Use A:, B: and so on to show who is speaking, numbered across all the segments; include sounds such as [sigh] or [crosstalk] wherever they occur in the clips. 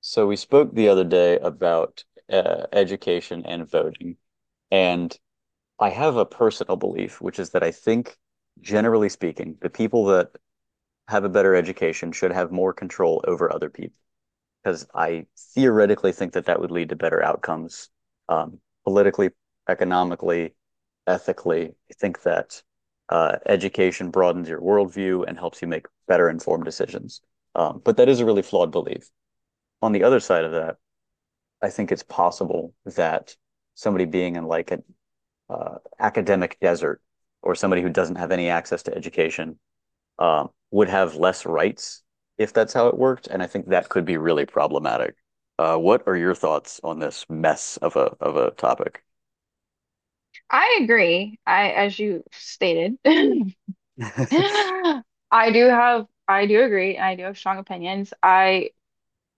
A: So we spoke the other day about education and voting, and I have a personal belief, which is that I think, generally speaking, the people that have a better education should have more control over other people, because I theoretically think that that would lead to better outcomes, um, politically, economically, ethically. I think that education broadens your worldview and helps you make better informed decisions. But that is a really flawed belief. On the other side of that, I think it's possible that somebody being in like an academic desert or somebody who doesn't have any access to education would have less rights if that's how it worked. And I think that could be really problematic. What are your thoughts on this mess of a topic?
B: I agree. I, as you stated, [laughs] I
A: [laughs]
B: do have, I do agree. I do have strong opinions. I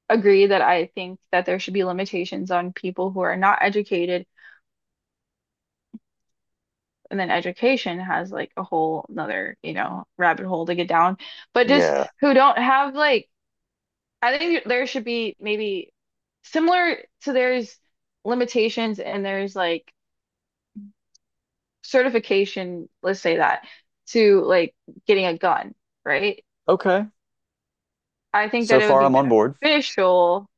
B: agree that I think that there should be limitations on people who are not educated. And then education has like a whole another, rabbit hole to get down. But just
A: Yeah.
B: who don't have like, I think there should be maybe similar to there's limitations and there's like certification, let's say that, to like getting a gun, right?
A: Okay.
B: I think that
A: So
B: it would
A: far,
B: be
A: I'm on board.
B: beneficial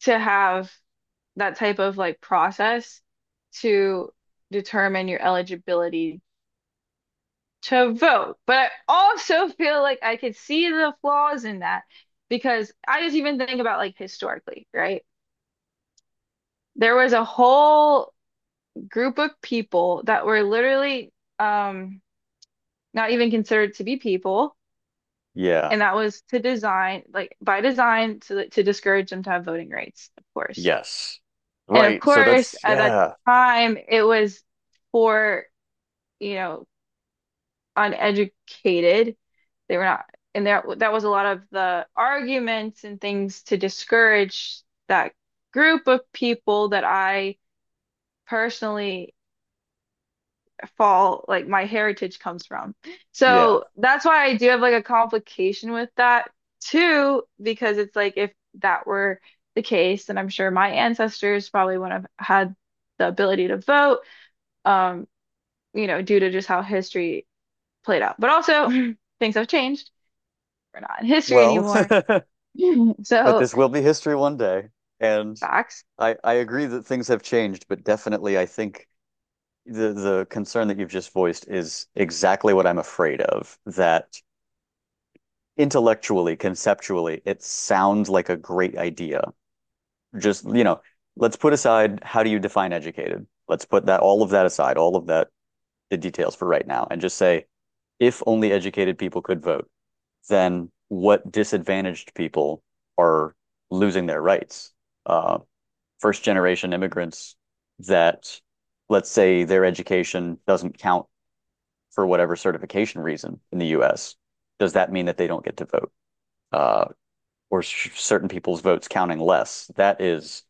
B: to have that type of like process to determine your eligibility to vote. But I also feel like I could see the flaws in that because I just even think about like historically, right? There was a whole group of people that were literally um, not even considered to be people,
A: Yeah.
B: and that was to design, like by design, to discourage them to have voting rights, of course.
A: Yes.
B: And of
A: Right. So
B: course,
A: that's
B: at that
A: yeah.
B: time, it was for, you know, uneducated. They were not, and there that was a lot of the arguments and things to discourage that group of people that I personally fall, like my heritage comes from.
A: Yeah.
B: So that's why I do have like a complication with that too, because it's like if that were the case, then I'm sure my ancestors probably wouldn't have had the ability to vote. Um, due to just how history played out. But also, [laughs] things have changed. We're not in history
A: Well,
B: anymore.
A: [laughs]
B: [laughs]
A: but
B: So,
A: this will be history one day. And
B: facts.
A: I agree that things have changed, but definitely I think the concern that you've just voiced is exactly what I'm afraid of. That intellectually, conceptually, it sounds like a great idea. Just, you know, let's put aside how do you define educated? Let's put that all of that aside, all of that the details for right now, and just say if only educated people could vote, then what disadvantaged people are losing their rights? Uh, First generation immigrants that, let's say, their education doesn't count for whatever certification reason in the US, does that mean that they don't get to vote? Uh, or certain people's votes counting less? That is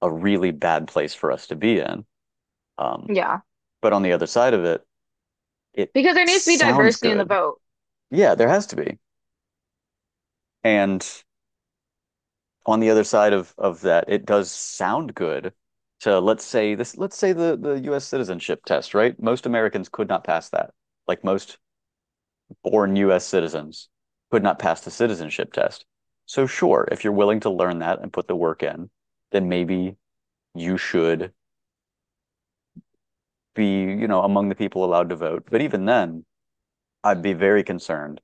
A: a really bad place for us to be in. Um,
B: Yeah.
A: but on the other side of it, it
B: Because there needs to be
A: sounds
B: diversity in the
A: good.
B: vote.
A: Yeah, there has to be. And on the other side of that, it does sound good to let's say the US citizenship test, right? Most Americans could not pass that. Like most born US citizens could not pass the citizenship test. So sure, if you're willing to learn that and put the work in, then maybe you should be, you know, among the people allowed to vote. But even then, I'd be very concerned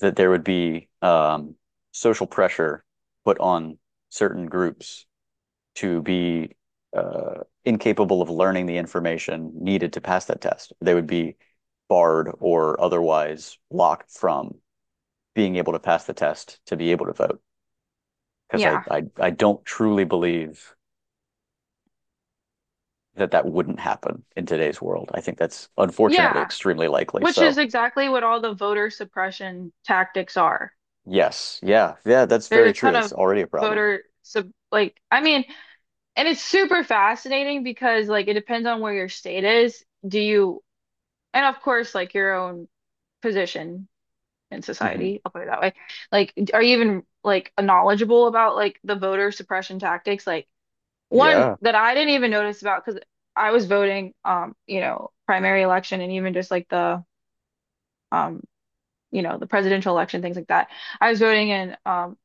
A: that there would be social pressure put on certain groups to be incapable of learning the information needed to pass that test. They would be barred or otherwise blocked from being able to pass the test to be able to vote. Because I,
B: Yeah.
A: I, I don't truly believe that that wouldn't happen in today's world. I think that's unfortunately
B: Yeah.
A: extremely likely.
B: Which is
A: So
B: exactly what all the voter suppression tactics are.
A: yes, yeah, yeah, that's
B: There's
A: very
B: a
A: true.
B: ton
A: It's
B: of
A: already a problem.
B: voter sub like I mean, and it's super fascinating because like it depends on where your state is. Do you and of course like your own position in
A: Hmm.
B: society. I'll put it that way. Like, are you even like knowledgeable about like the voter suppression tactics? Like one
A: Yeah.
B: that I didn't even notice about because I was voting, primary election and even just like the, um, the presidential election, things like that. I was voting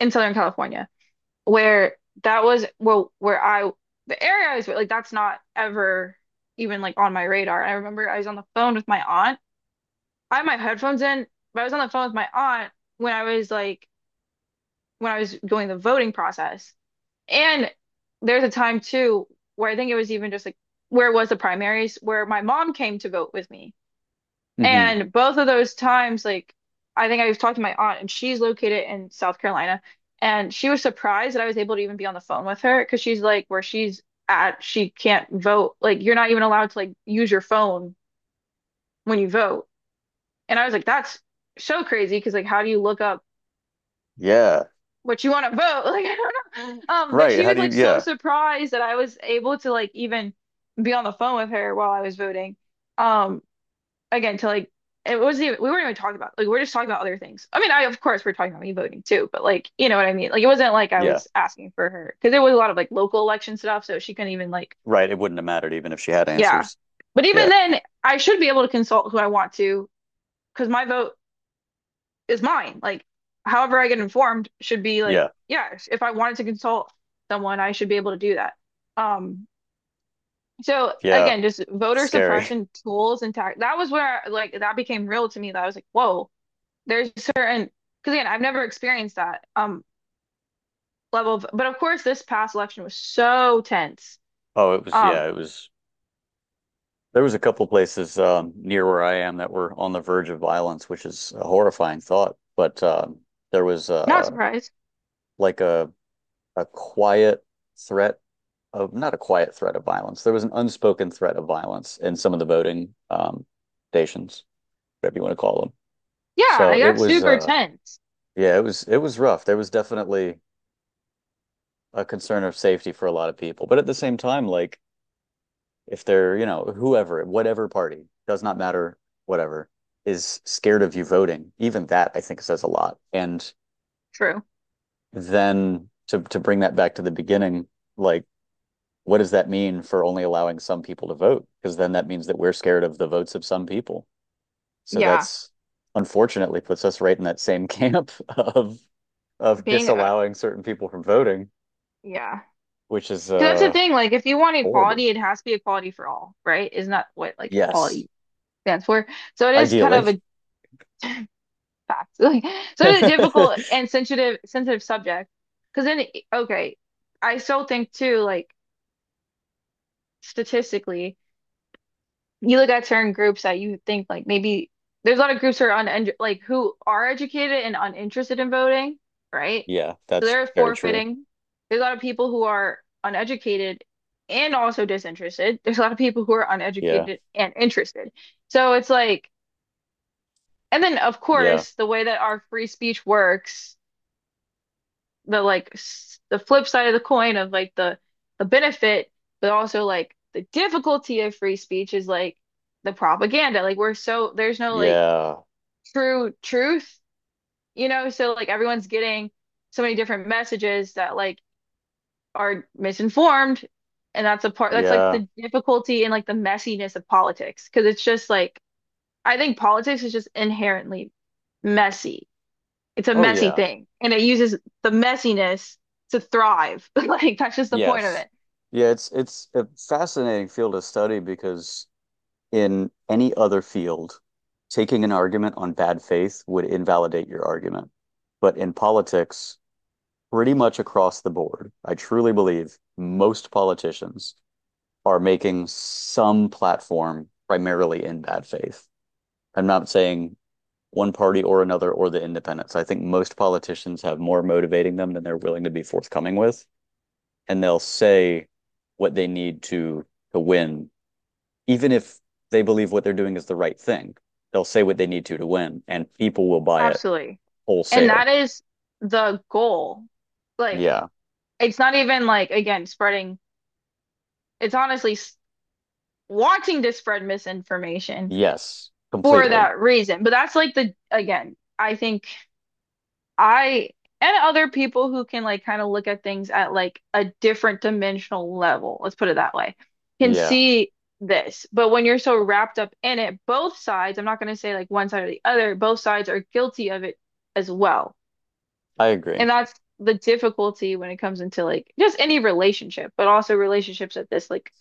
B: in Southern California where that was, well, where I, the area I was, like, that's not ever even like on my radar. And I remember I was on the phone with my aunt. I had my headphones in, but I was on the phone with my aunt when I was like when I was going the voting process. And there's a time too where I think it was even just like where it was the primaries where my mom came to vote with me.
A: Hmm.
B: And both of those times, like I think I was talking to my aunt and she's located in South Carolina and she was surprised that I was able to even be on the phone with her because she's like where she's at, she can't vote. Like you're not even allowed to like use your phone when you vote. And I was like, that's so crazy because like how do you look up
A: Yeah.
B: what you want to vote [laughs] like I don't know but
A: Right.
B: she
A: How
B: was
A: do you?
B: like so
A: Yeah.
B: surprised that I was able to like even be on the phone with her while I was voting um again to like it wasn't even we weren't even talking about like we're just talking about other things I mean I of course we're talking about me voting too but like you know what I mean like it wasn't like I
A: Yeah.
B: was asking for her because there was a lot of like local election stuff so she couldn't even like
A: Right. It wouldn't have mattered even if she had
B: yeah
A: answers.
B: but
A: Yeah.
B: even then I should be able to consult who I want to because my vote is mine. Like, however I get informed should be like,
A: Yeah.
B: yeah, if I wanted to consult someone, I should be able to do that. Um, so
A: Yeah.
B: again, just voter
A: Scary.
B: suppression tools and tact. That was where like that became real to me. That I was like, whoa, there's certain because again, I've never experienced that level of. But of course, this past election was so tense.
A: Oh, it was,
B: Um,
A: yeah, it was. There was a couple places near where I am that were on the verge of violence, which is a horrifying thought. But there was
B: not surprised.
A: like a quiet threat of not a quiet threat of violence. There was an unspoken threat of violence in some of the voting stations, whatever you want to call them.
B: Yeah,
A: So
B: I
A: it
B: got
A: was,
B: super tense.
A: yeah, it was rough. There was definitely a concern of safety for a lot of people, but at the same time, like if they're, you know, whoever, whatever party, does not matter, whatever, is scared of you voting, even that I think says a lot. And
B: True.
A: then to bring that back to the beginning, like what does that mean for only allowing some people to vote? Because then that means that we're scared of the votes of some people. So
B: Yeah,
A: that's unfortunately puts us right in that same [laughs] camp of
B: being a
A: disallowing certain people from voting,
B: yeah.
A: which is
B: 'Cause that's the thing, like if you want
A: Horrible.
B: equality, it has to be equality for all, right? Isn't that what like
A: Yes,
B: equality stands for? So it is kind of
A: ideally.
B: a fact. [laughs] Like so it's a difficult
A: [laughs]
B: and sensitive subject. Because then okay, I still think too, like statistically. You look at certain groups that you think like maybe there's a lot of groups who are un like who are educated and uninterested in voting, right?
A: Yeah,
B: So
A: that's
B: they're
A: very true.
B: forfeiting. There's a lot of people who are uneducated and also disinterested. There's a lot of people who are
A: Yeah.
B: uneducated and interested. So it's like, and then of
A: Yeah.
B: course, the way that our free speech works the like s- the flip side of the coin of like the benefit, but also like the difficulty of free speech is like the propaganda. Like we're so there's no like
A: Yeah.
B: true truth, you know? So like everyone's getting so many different messages that like are misinformed, and that's a part that's like
A: Yeah.
B: the difficulty and like the messiness of politics because it's just like I think politics is just inherently messy. It's a
A: Oh
B: messy
A: yeah.
B: thing, and it uses the messiness to thrive. [laughs] Like that's just the point of
A: Yes.
B: it.
A: Yeah, it's a fascinating field to study because in any other field, taking an argument on bad faith would invalidate your argument. But in politics, pretty much across the board, I truly believe most politicians are making some platform primarily in bad faith. I'm not saying one party or another or the independents. I think most politicians have more motivating them than they're willing to be forthcoming with, and they'll say what they need to win, even if they believe what they're doing is the right thing. They'll say what they need to win, and people will buy it
B: Absolutely. And that
A: wholesale.
B: is the goal. Like
A: Yeah.
B: it's not even like again spreading. It's honestly s- wanting to spread misinformation
A: Yes.
B: for
A: Completely.
B: that reason. But that's like the again, I think I and other people who can like kind of look at things at like a different dimensional level, let's put it that way, can
A: Yeah.
B: see this. But when you're so wrapped up in it, both sides, I'm not going to say like one side or the other, both sides are guilty of it as well.
A: I agree.
B: And that's the difficulty when it comes into like just any relationship, but also relationships at this like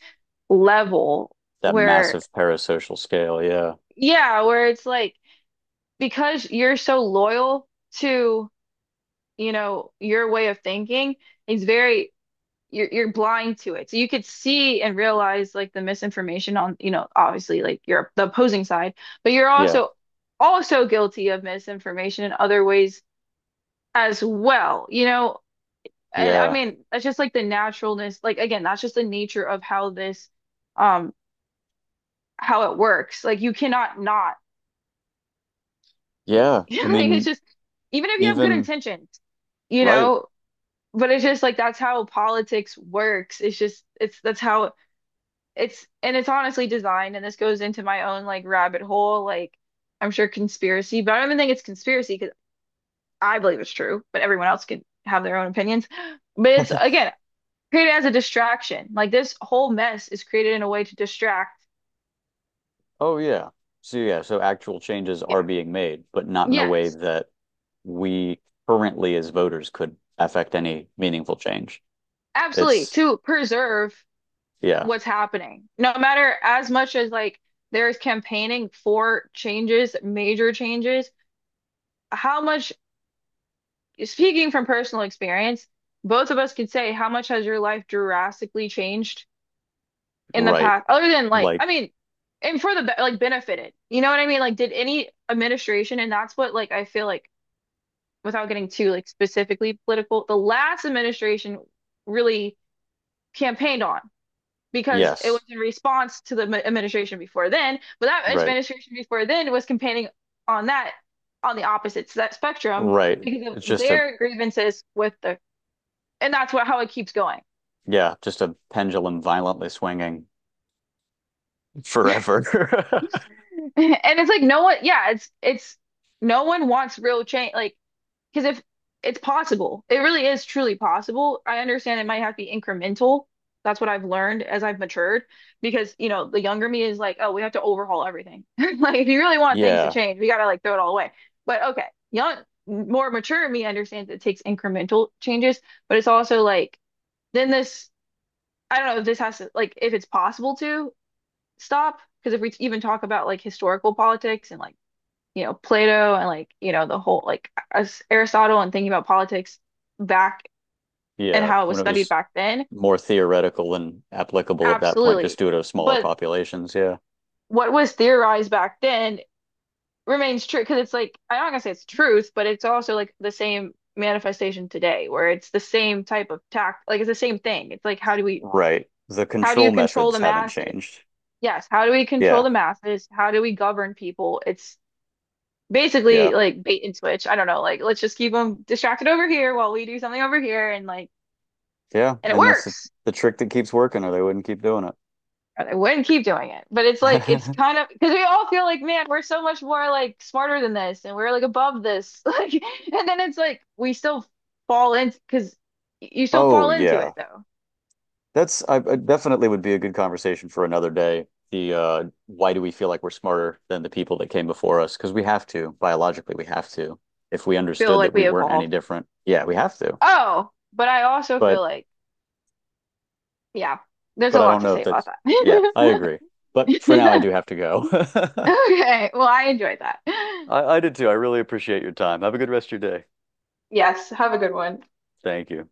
B: level
A: That
B: where,
A: massive parasocial scale. Yeah.
B: yeah, where it's like because you're so loyal to, your way of thinking. It's very you're blind to it. So you could see and realize like the misinformation on, obviously like you're the opposing side, but you're
A: Yeah.
B: also also guilty of misinformation in other ways as well, you know. And I
A: Yeah.
B: mean, that's just like the naturalness, like again, that's just the nature of how this um how it works. Like you cannot not be.
A: Yeah.
B: [laughs]
A: I
B: Like it's
A: mean,
B: just even if you have good
A: even
B: intentions, you
A: right.
B: know, but it's just like that's how politics works. It's just it's that's how it's and it's honestly designed, and this goes into my own like rabbit hole, like I'm sure conspiracy, but I don't even think it's conspiracy because I believe it's true, but everyone else can have their own opinions. [gasps] But it's again created as a distraction. Like this whole mess is created in a way to distract,
A: Oh yeah. So yeah, so actual changes
B: you
A: are
B: know.
A: being made, but not in a way
B: Yes,
A: that we currently as voters could affect any meaningful change.
B: absolutely,
A: It's
B: to preserve
A: yeah,
B: what's happening. No matter as much as like there's campaigning for changes, major changes, how much speaking from personal experience, both of us could say how much has your life drastically changed in the
A: right.
B: past, other than like,
A: Like
B: I mean, and for the be- like benefited. You know what I mean? Like, did any administration, and that's what like I feel like without getting too like specifically political, the last administration really campaigned on because it was
A: yes,
B: in response to the m- administration before then, but that
A: right,
B: administration before then was campaigning on that on the opposite s- that spectrum
A: right.
B: because
A: It's
B: of
A: just a
B: their grievances with the and that's what how it keeps going.
A: yeah, just a pendulum violently swinging forever. [laughs]
B: [laughs] And it's like no one, yeah, it's no one wants real change, like because if it's possible, it really is truly possible. I understand it might have to be incremental. That's what I've learned as I've matured, because you know the younger me is like, oh, we have to overhaul everything. [laughs] Like if you really want things to
A: Yeah,
B: change, we gotta like throw it all away. But okay, young, more mature me understands it takes incremental changes, but it's also like then this. I don't know if this has to like if it's possible to stop because if we even talk about like historical politics and like you know Plato and like you know the whole like as Aristotle and thinking about politics back and
A: yeah.
B: how it was
A: When it
B: studied
A: was
B: back then,
A: more theoretical and applicable at that point, just
B: absolutely.
A: due to smaller
B: But
A: populations. Yeah,
B: what was theorized back then remains true because it's like I'm not gonna say it's truth, but it's also like the same manifestation today where it's the same type of tact, like it's the same thing. It's like how do we
A: right. The
B: how do
A: control
B: you control
A: methods
B: the
A: haven't
B: masses?
A: changed.
B: Yes, how do we control
A: Yeah,
B: the masses? How do we govern people? It's
A: yeah.
B: basically like bait and switch. I don't know, like let's just keep them distracted over here while we do something over here and like
A: Yeah,
B: and it
A: and that's
B: works.
A: the trick that keeps working, or they wouldn't keep doing it.
B: And I wouldn't keep doing it. But it's like it's
A: [laughs]
B: kind of because we all feel like, man, we're so much more like smarter than this and we're like above this. [laughs] Like and then it's like we still fall into because you still
A: Oh
B: fall into it
A: yeah,
B: though.
A: that's I definitely would be a good conversation for another day. The why do we feel like we're smarter than the people that came before us? Because we have to biologically, we have to. If we
B: You feel
A: understood that
B: like
A: we
B: we
A: weren't any
B: evolved.
A: different, yeah, we have to.
B: Oh, but I also feel
A: But
B: like, yeah, there's a
A: I
B: lot
A: don't
B: to
A: know if
B: say about
A: that's yeah, I
B: that.
A: agree. But
B: [laughs]
A: for now, I
B: Yeah.
A: do have to go. [laughs]
B: Okay, well, I enjoyed that.
A: I did too. I really appreciate your time. Have a good rest of your day.
B: Yes, have a good one.
A: Thank you.